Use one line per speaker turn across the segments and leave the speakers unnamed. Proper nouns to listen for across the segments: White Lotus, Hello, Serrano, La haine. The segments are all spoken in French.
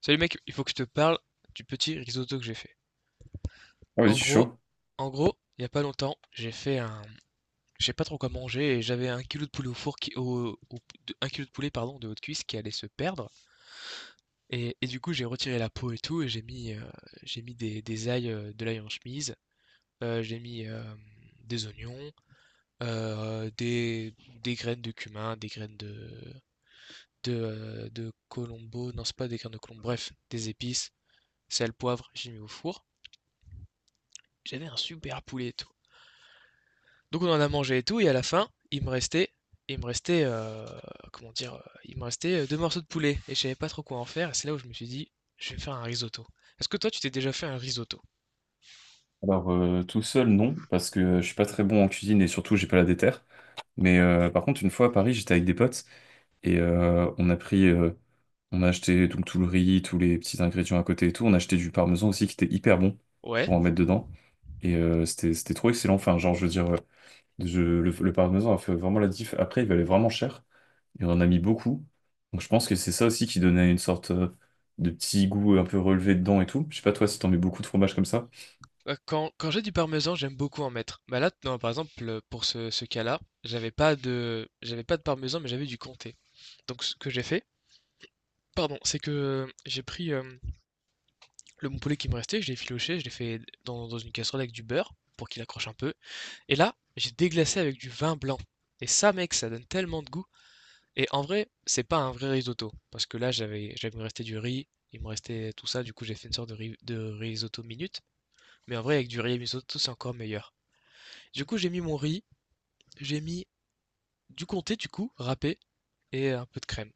Salut mec, il faut que je te parle du petit risotto que j'ai fait.
Ah oui, je
En
suis
gros,
chaud.
en gros, il y a pas longtemps, je sais pas trop quoi manger et j'avais 1 kilo de poulet au four qui, au, au- de- 1 kilo de poulet, pardon, de haute cuisse qui allait se perdre, et du coup j'ai retiré la peau et tout et j'ai mis des ailes, de l'ail en chemise, j'ai mis des oignons, euh, des des graines de cumin, des graines de colombo, non, c'est pas des graines de colombo, bref, des épices, sel, poivre, j'ai mis au four. J'avais un super poulet et tout. Donc on en a mangé et tout, et à la fin, il me restait, comment dire, il me restait deux morceaux de poulet, et je savais pas trop quoi en faire, et c'est là où je me suis dit, je vais faire un risotto. Est-ce que toi, tu t'es déjà fait un risotto?
Alors, tout seul, non, parce que je suis pas très bon en cuisine et surtout, j'ai pas la déterre. Mais par contre, une fois à Paris, j'étais avec des potes et on a pris, on a acheté donc tout le riz, tous les petits ingrédients à côté et tout. On a acheté du parmesan aussi qui était hyper bon
Ouais.
pour en mettre dedans. Et c'était, c'était trop excellent. Enfin, genre, je veux dire, le parmesan a fait vraiment la diff. Après, il valait vraiment cher et on en a mis beaucoup. Donc, je pense que c'est ça aussi qui donnait une sorte de petit goût un peu relevé dedans et tout. Je sais pas toi si t'en mets beaucoup de fromage comme ça.
Bah, quand j'ai du parmesan, j'aime beaucoup en mettre. Bah là, non, par exemple, pour ce cas-là, j'avais pas de parmesan, mais j'avais du comté. Donc ce que j'ai fait, pardon, c'est que j'ai pris le bon poulet qui me restait, je l'ai filoché, je l'ai fait dans une casserole avec du beurre pour qu'il accroche un peu. Et là, j'ai déglacé avec du vin blanc. Et ça, mec, ça donne tellement de goût. Et en vrai, c'est pas un vrai risotto. Parce que là, j'avais resté du riz, il me restait tout ça. Du coup, j'ai fait une sorte de risotto minute. Mais en vrai, avec du riz et risotto, c'est encore meilleur. Du coup, j'ai mis mon riz, j'ai mis du comté, du coup, râpé, et un peu de crème.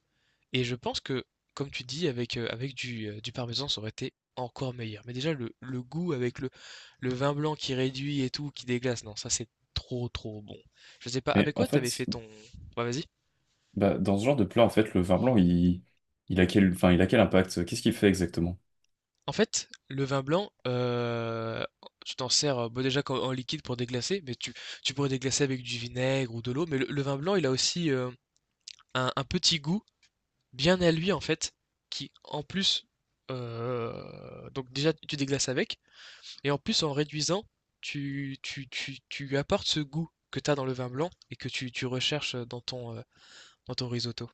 Et je pense que, comme tu dis, avec, avec du parmesan, ça aurait été encore meilleur. Mais déjà, le goût avec le vin blanc qui réduit et tout, qui déglace, non, ça, c'est trop trop bon. Je sais pas
Mais
avec
en
quoi t'avais
fait,
fait ton... Bah vas-y.
bah, dans ce genre de plat, en fait, le vin blanc, il a quel, enfin, il a quel impact? Qu'est-ce qu'il fait exactement?
En fait, le vin blanc, tu t'en sers, bah, déjà en liquide pour déglacer, mais tu pourrais déglacer avec du vinaigre ou de l'eau, mais le vin blanc, il a aussi un petit goût bien à lui, en fait, qui en plus... Donc déjà, tu déglaces avec, et en plus, en réduisant, tu apportes ce goût que tu as dans le vin blanc et que tu recherches dans ton risotto.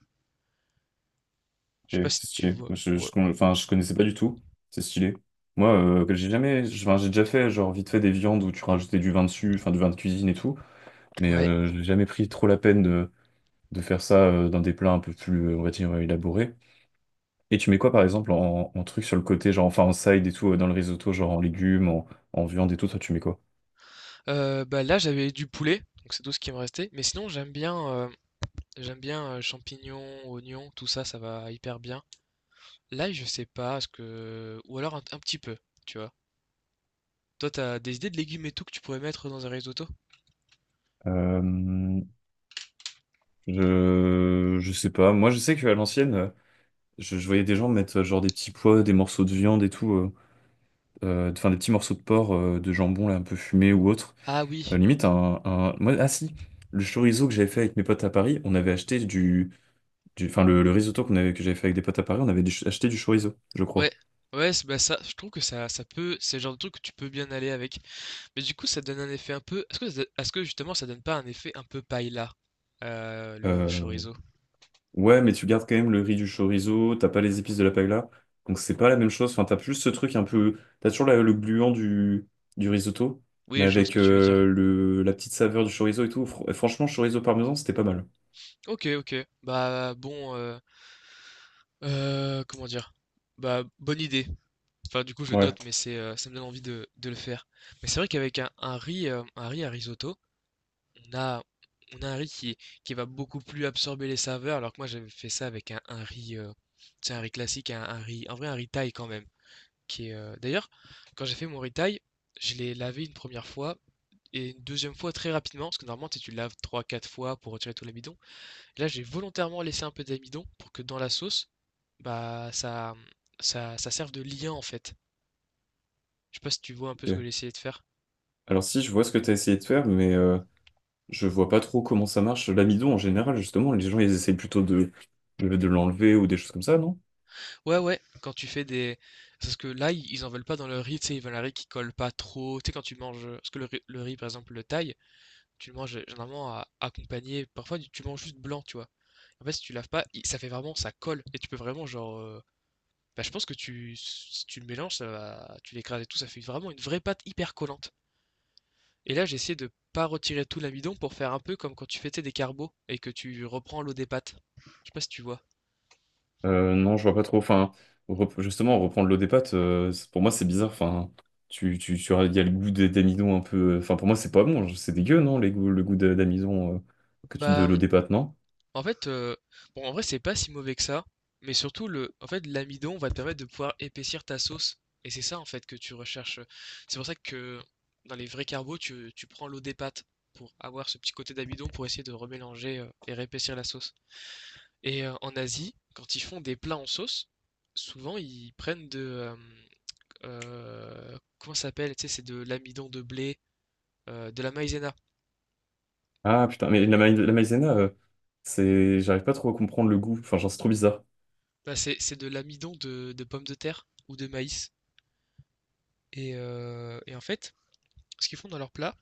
Je sais
Ok,
pas si
c'est
tu
stylé.
vois.
Moi,
Ouais.
enfin, je connaissais pas du tout. C'est stylé. Moi, que j'ai jamais, enfin, j'ai déjà fait, genre, vite fait des viandes où tu rajoutais du vin dessus, enfin, du vin de cuisine et tout. Mais
Ouais.
je n'ai jamais pris trop la peine de faire ça dans des plats un peu plus, on va dire, élaborés. Et tu mets quoi, par exemple, en truc sur le côté, genre, enfin, en side et tout, dans le risotto, genre en légumes, en, en viande et tout, toi, tu mets quoi?
Bah là, j'avais du poulet, donc c'est tout ce qui me restait. Mais sinon, j'aime bien champignons, oignons, tout ça, ça va hyper bien. Là, je sais pas, ce que ou alors un petit peu, tu vois. Toi, t'as des idées de légumes et tout que tu pourrais mettre dans un risotto?
Euh, je sais pas. Moi, je sais qu'à l'ancienne, je voyais des gens mettre genre des petits pois, des morceaux de viande et tout, enfin des petits morceaux de porc, de jambon là, un peu fumé ou autre.
Ah oui.
Limite, ah si, le chorizo que j'avais fait avec mes potes à Paris, on avait acheté du... Enfin, le risotto qu'on avait, que j'avais fait avec des potes à Paris, on avait acheté du chorizo, je
Ouais.
crois.
Bah ça, je trouve que ça peut, c'est le genre de truc que tu peux bien aller avec. Mais du coup, ça donne un effet un peu. Est-ce que justement, ça donne pas un effet un peu paella, le
Euh,
chorizo?
Ouais, mais tu gardes quand même le riz du chorizo, t'as pas les épices de la paella, donc c'est pas la même chose. Enfin, t'as plus ce truc un peu... T'as toujours le gluant du risotto, mais
Oui, je vois ce
avec
que tu veux dire.
le... la petite saveur du chorizo et tout. Franchement, chorizo parmesan, c'était pas mal.
Ok, ok. Bah bon, comment dire? Bah, bonne idée. Enfin, du coup je note,
Ouais,
mais c'est ça me donne envie de le faire. Mais c'est vrai qu'avec un riz à risotto, on a on a un riz qui va beaucoup plus absorber les saveurs, alors que moi, j'avais fait ça avec un riz, c'est un riz classique, un riz, en vrai un riz thaï quand même. Qui est D'ailleurs, quand j'ai fait mon riz thaï, je l'ai lavé une première fois et une deuxième fois très rapidement, parce que normalement, tu sais, tu le laves trois, quatre fois pour retirer tout l'amidon. Là, j'ai volontairement laissé un peu d'amidon pour que dans la sauce, bah ça, ça serve de lien en fait. Je sais pas si tu vois un peu ce que
ok.
j'ai essayé de faire.
Alors si, je vois ce que t'as essayé de faire, mais... je vois pas trop comment ça marche. L'amidon, en général, justement, les gens, ils essayent plutôt de l'enlever ou des choses comme ça, non?
Ouais, ouais, quand tu fais des... Parce que là, ils en veulent pas dans le riz, tu sais, ils veulent un riz qui colle pas trop. Tu sais, quand tu manges... Parce que le riz, par exemple, le thaï, tu le manges généralement à- accompagné... Parfois, tu manges juste blanc, tu vois. En fait, si tu laves pas, il- ça fait vraiment... Ça colle. Et tu peux vraiment, genre... Bah, je pense que tu, si tu le mélanges, ça va, tu l'écrases et tout, ça fait vraiment une vraie pâte hyper collante. Et là, j'essaie de pas retirer tout l'amidon pour faire un peu comme quand tu fais, tu sais, des carbos et que tu reprends l'eau des pâtes. Je sais pas si tu vois.
Non, je vois pas trop. Enfin, justement, reprendre l'eau des pâtes, pour moi, c'est bizarre. Enfin, il y a le goût d'amidon un peu. Enfin, pour moi, c'est pas bon. C'est dégueu, non, les goûts, le goût d'amidon que tu de
Bah,
l'eau des pâtes, non?
en fait, euh, bon, en vrai, c'est pas si mauvais que ça, mais surtout le, en fait, l'amidon va te permettre de pouvoir épaissir ta sauce, et c'est ça en fait que tu recherches. C'est pour ça que dans les vrais carbos, tu prends l'eau des pâtes pour avoir ce petit côté d'amidon pour essayer de remélanger et réépaissir la sauce. Et en Asie, quand ils font des plats en sauce, souvent ils prennent de comment ça s'appelle? Tu sais, c'est de l'amidon de blé, de la maïzena.
Ah putain, mais la maïzena, c'est, j'arrive pas trop à comprendre le goût. Enfin, genre, c'est trop bizarre.
Bah, c'est de l'amidon de pommes de terre ou de maïs. Et en fait, ce qu'ils font dans leur plat,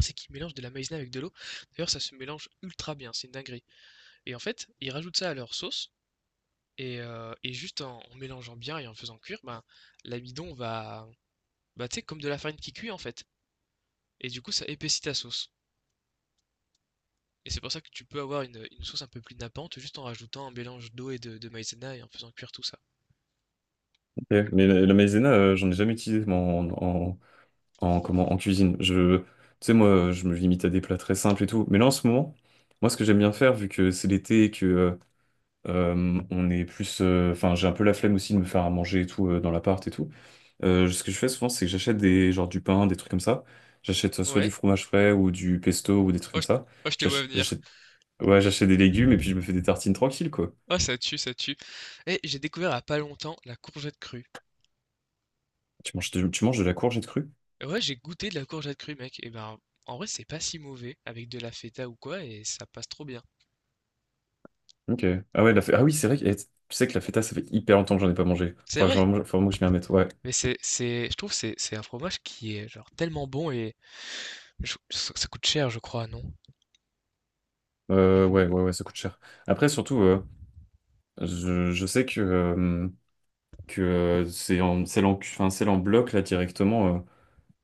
c'est qu'ils mélangent de la maïzena avec de l'eau. D'ailleurs, ça se mélange ultra bien, c'est une dinguerie. Et en fait, ils rajoutent ça à leur sauce. Et juste en mélangeant bien et en faisant cuire, bah, l'amidon va, bah, tu sais, comme de la farine qui cuit en fait. Et du coup, ça épaissit ta sauce. Et c'est pour ça que tu peux avoir une sauce un peu plus nappante juste en rajoutant un mélange d'eau et de maïzena et en faisant cuire tout ça.
Ok. Mais la maïzena, j'en ai jamais utilisé moi, comment, en cuisine. Tu sais, moi, je me limite à des plats très simples et tout. Mais là, en ce moment, moi, ce que j'aime bien faire, vu que c'est l'été et que on est plus. Enfin, j'ai un peu la flemme aussi de me faire à manger et tout dans l'appart et tout. Ce que je fais souvent, c'est que j'achète des, genre, du pain, des trucs comme ça. J'achète soit du
Ouais.
fromage frais ou du pesto ou des trucs
Oh,
comme
je,
ça.
oh, je te vois venir.
J'achète, ouais, j'achète des légumes et puis je me fais des tartines tranquilles, quoi.
Oh, ça tue, ça tue. Et j'ai découvert il y a pas longtemps la courgette crue.
Tu manges, tu manges de la courgette crue?
Ouais, j'ai goûté de la courgette crue, mec. Et ben, en vrai, c'est pas si mauvais avec de la feta ou quoi, et ça passe trop bien.
Ok. Ah ouais, ah oui, c'est vrai. Tu sais que la feta, ça fait hyper longtemps que j'en ai pas mangé.
C'est vrai.
Faudrait vraiment que je m'y remette. Ouais.
Mais je trouve que c'est un fromage qui est genre tellement bon, et ça, ça coûte cher, je crois, non? Je-
Ouais, ça coûte cher. Après, surtout, je sais que, enfin, c'est l'en bloc, là, directement,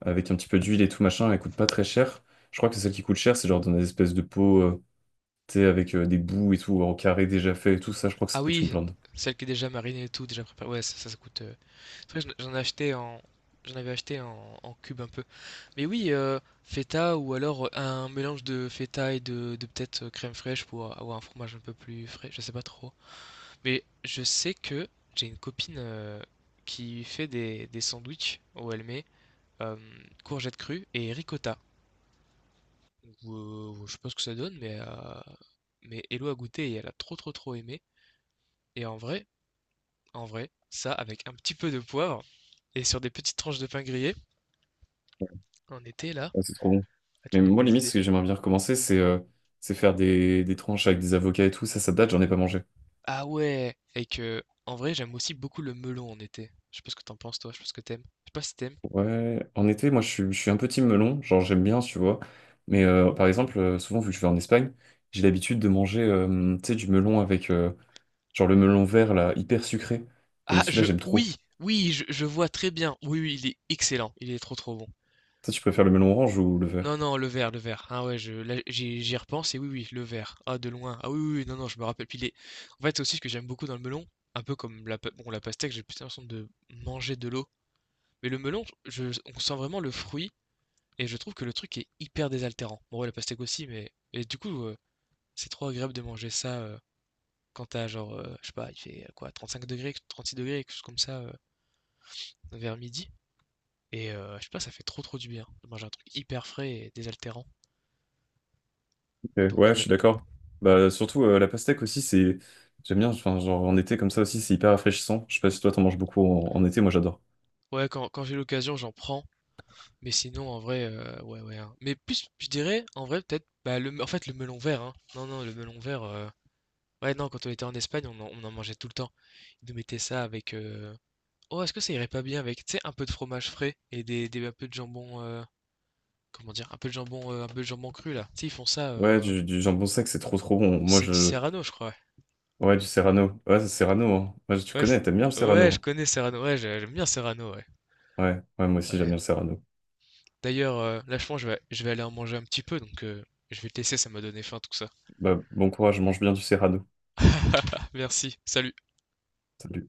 avec un petit peu d'huile et tout, machin, elle coûte pas très cher. Je crois que celle qui coûte cher, c'est genre dans des espèces de pots, tu sais, avec des bouts et tout, en carré déjà fait et tout, ça, je crois que ça
Ah
coûte une
oui,
blinde.
celle qui est déjà marinée et tout, déjà préparée. Ouais, ça coûte C'est vrai que j'en ai acheté en, j'en avais acheté en cube un peu. Mais oui, feta, ou alors un mélange de feta et de peut-être crème fraîche pour avoir un fromage un peu plus frais, je sais pas trop. Mais je sais que j'ai une copine qui fait des sandwichs où elle met euh, courgettes crues et ricotta. Donc, je sais pas ce que ça donne, mais Hello a goûté et elle a trop trop trop aimé. Et en vrai, ça avec un petit peu de poivre et sur des petites tranches de pain grillé, on était là.
Ouais, c'est trop bon.
Ah, tu
Mais
me donnes
moi,
des
limite, ce
idées.
que j'aimerais bien recommencer, c'est faire des tranches avec des avocats et tout, ça date, j'en ai pas mangé.
Ah ouais, et que en vrai, j'aime aussi beaucoup le melon en été. Je sais pas ce que t'en penses toi, je sais pas ce que t'aimes. Je sais pas si t'aimes.
Ouais, en été, je suis un peu team melon, genre j'aime bien, tu vois. Mais par exemple, souvent vu que je vais en Espagne, j'ai l'habitude de manger tu sais, du melon avec genre le melon vert là, hyper sucré. Et
Ah,
celui-là,
je
j'aime trop.
oui, oui, je vois très bien. Oui, oui, il est excellent, il est trop trop bon.
Toi, tu préfères le melon orange ou le
Non,
vert?
non, le vert, le vert. Ah ouais, je là, j'y j'y repense et oui, oui, le vert. Ah, de loin. Ah oui, oui, oui, non, non, je me rappelle. Puis les... En fait, c'est aussi ce que j'aime beaucoup dans le melon, un peu comme bon, la pastèque, j'ai plus l'impression de manger de l'eau. Mais le melon, je, on sent vraiment le fruit et je trouve que le truc est hyper désaltérant. Bon, ouais, la pastèque aussi, mais et du coup. C'est trop agréable de manger ça, quand t'as genre, je sais pas, il fait, quoi, 6 degrés, 36 degrés, quelque chose comme ça, vers midi, et je sais pas, ça fait trop, trop du bien de manger un truc hyper frais et désaltérant.
Ok,
Donc
ouais, je
ouais,
suis d'accord. Bah surtout la pastèque aussi, c'est. J'aime bien, enfin, genre en été comme ça aussi, c'est hyper rafraîchissant. Je sais pas si toi t'en manges beaucoup en, en été, moi j'adore.
ouais, quand quand j'ai l'occasion, j'en prends, mais sinon en vrai, ouais, ouais, hein, mais plus je dirais en vrai peut-être, bah, le en fait le melon vert, hein. Non, non, le melon vert, ouais, non, quand on était en Espagne, on en mangeait tout le temps. Ils nous mettaient ça avec, oh, est-ce que ça irait pas bien avec, tu sais, un peu de fromage frais et des, un peu de jambon, comment dire, un peu de jambon, un peu de jambon cru là. Tu sais, ils font ça.
Ouais, du jambon sec, c'est trop trop bon. Moi
C'est du
je.
Serrano, je crois.
Ouais, du serrano. Ouais, c'est serrano, hein. Ouais, tu
Ouais, Ouais, c-
connais, t'aimes bien le
ouais,
serrano,
je
hein.
connais Serrano. Ouais, j'aime bien Serrano. Ouais.
Ouais, ouais, moi aussi j'aime
Ouais.
bien le Serrano.
D'ailleurs, là, je pense que je vais aller en manger un petit peu, donc je vais te laisser. Ça m'a donné faim tout ça.
Bah, bon courage, mange bien du Serrano.
Merci. Salut.
Salut.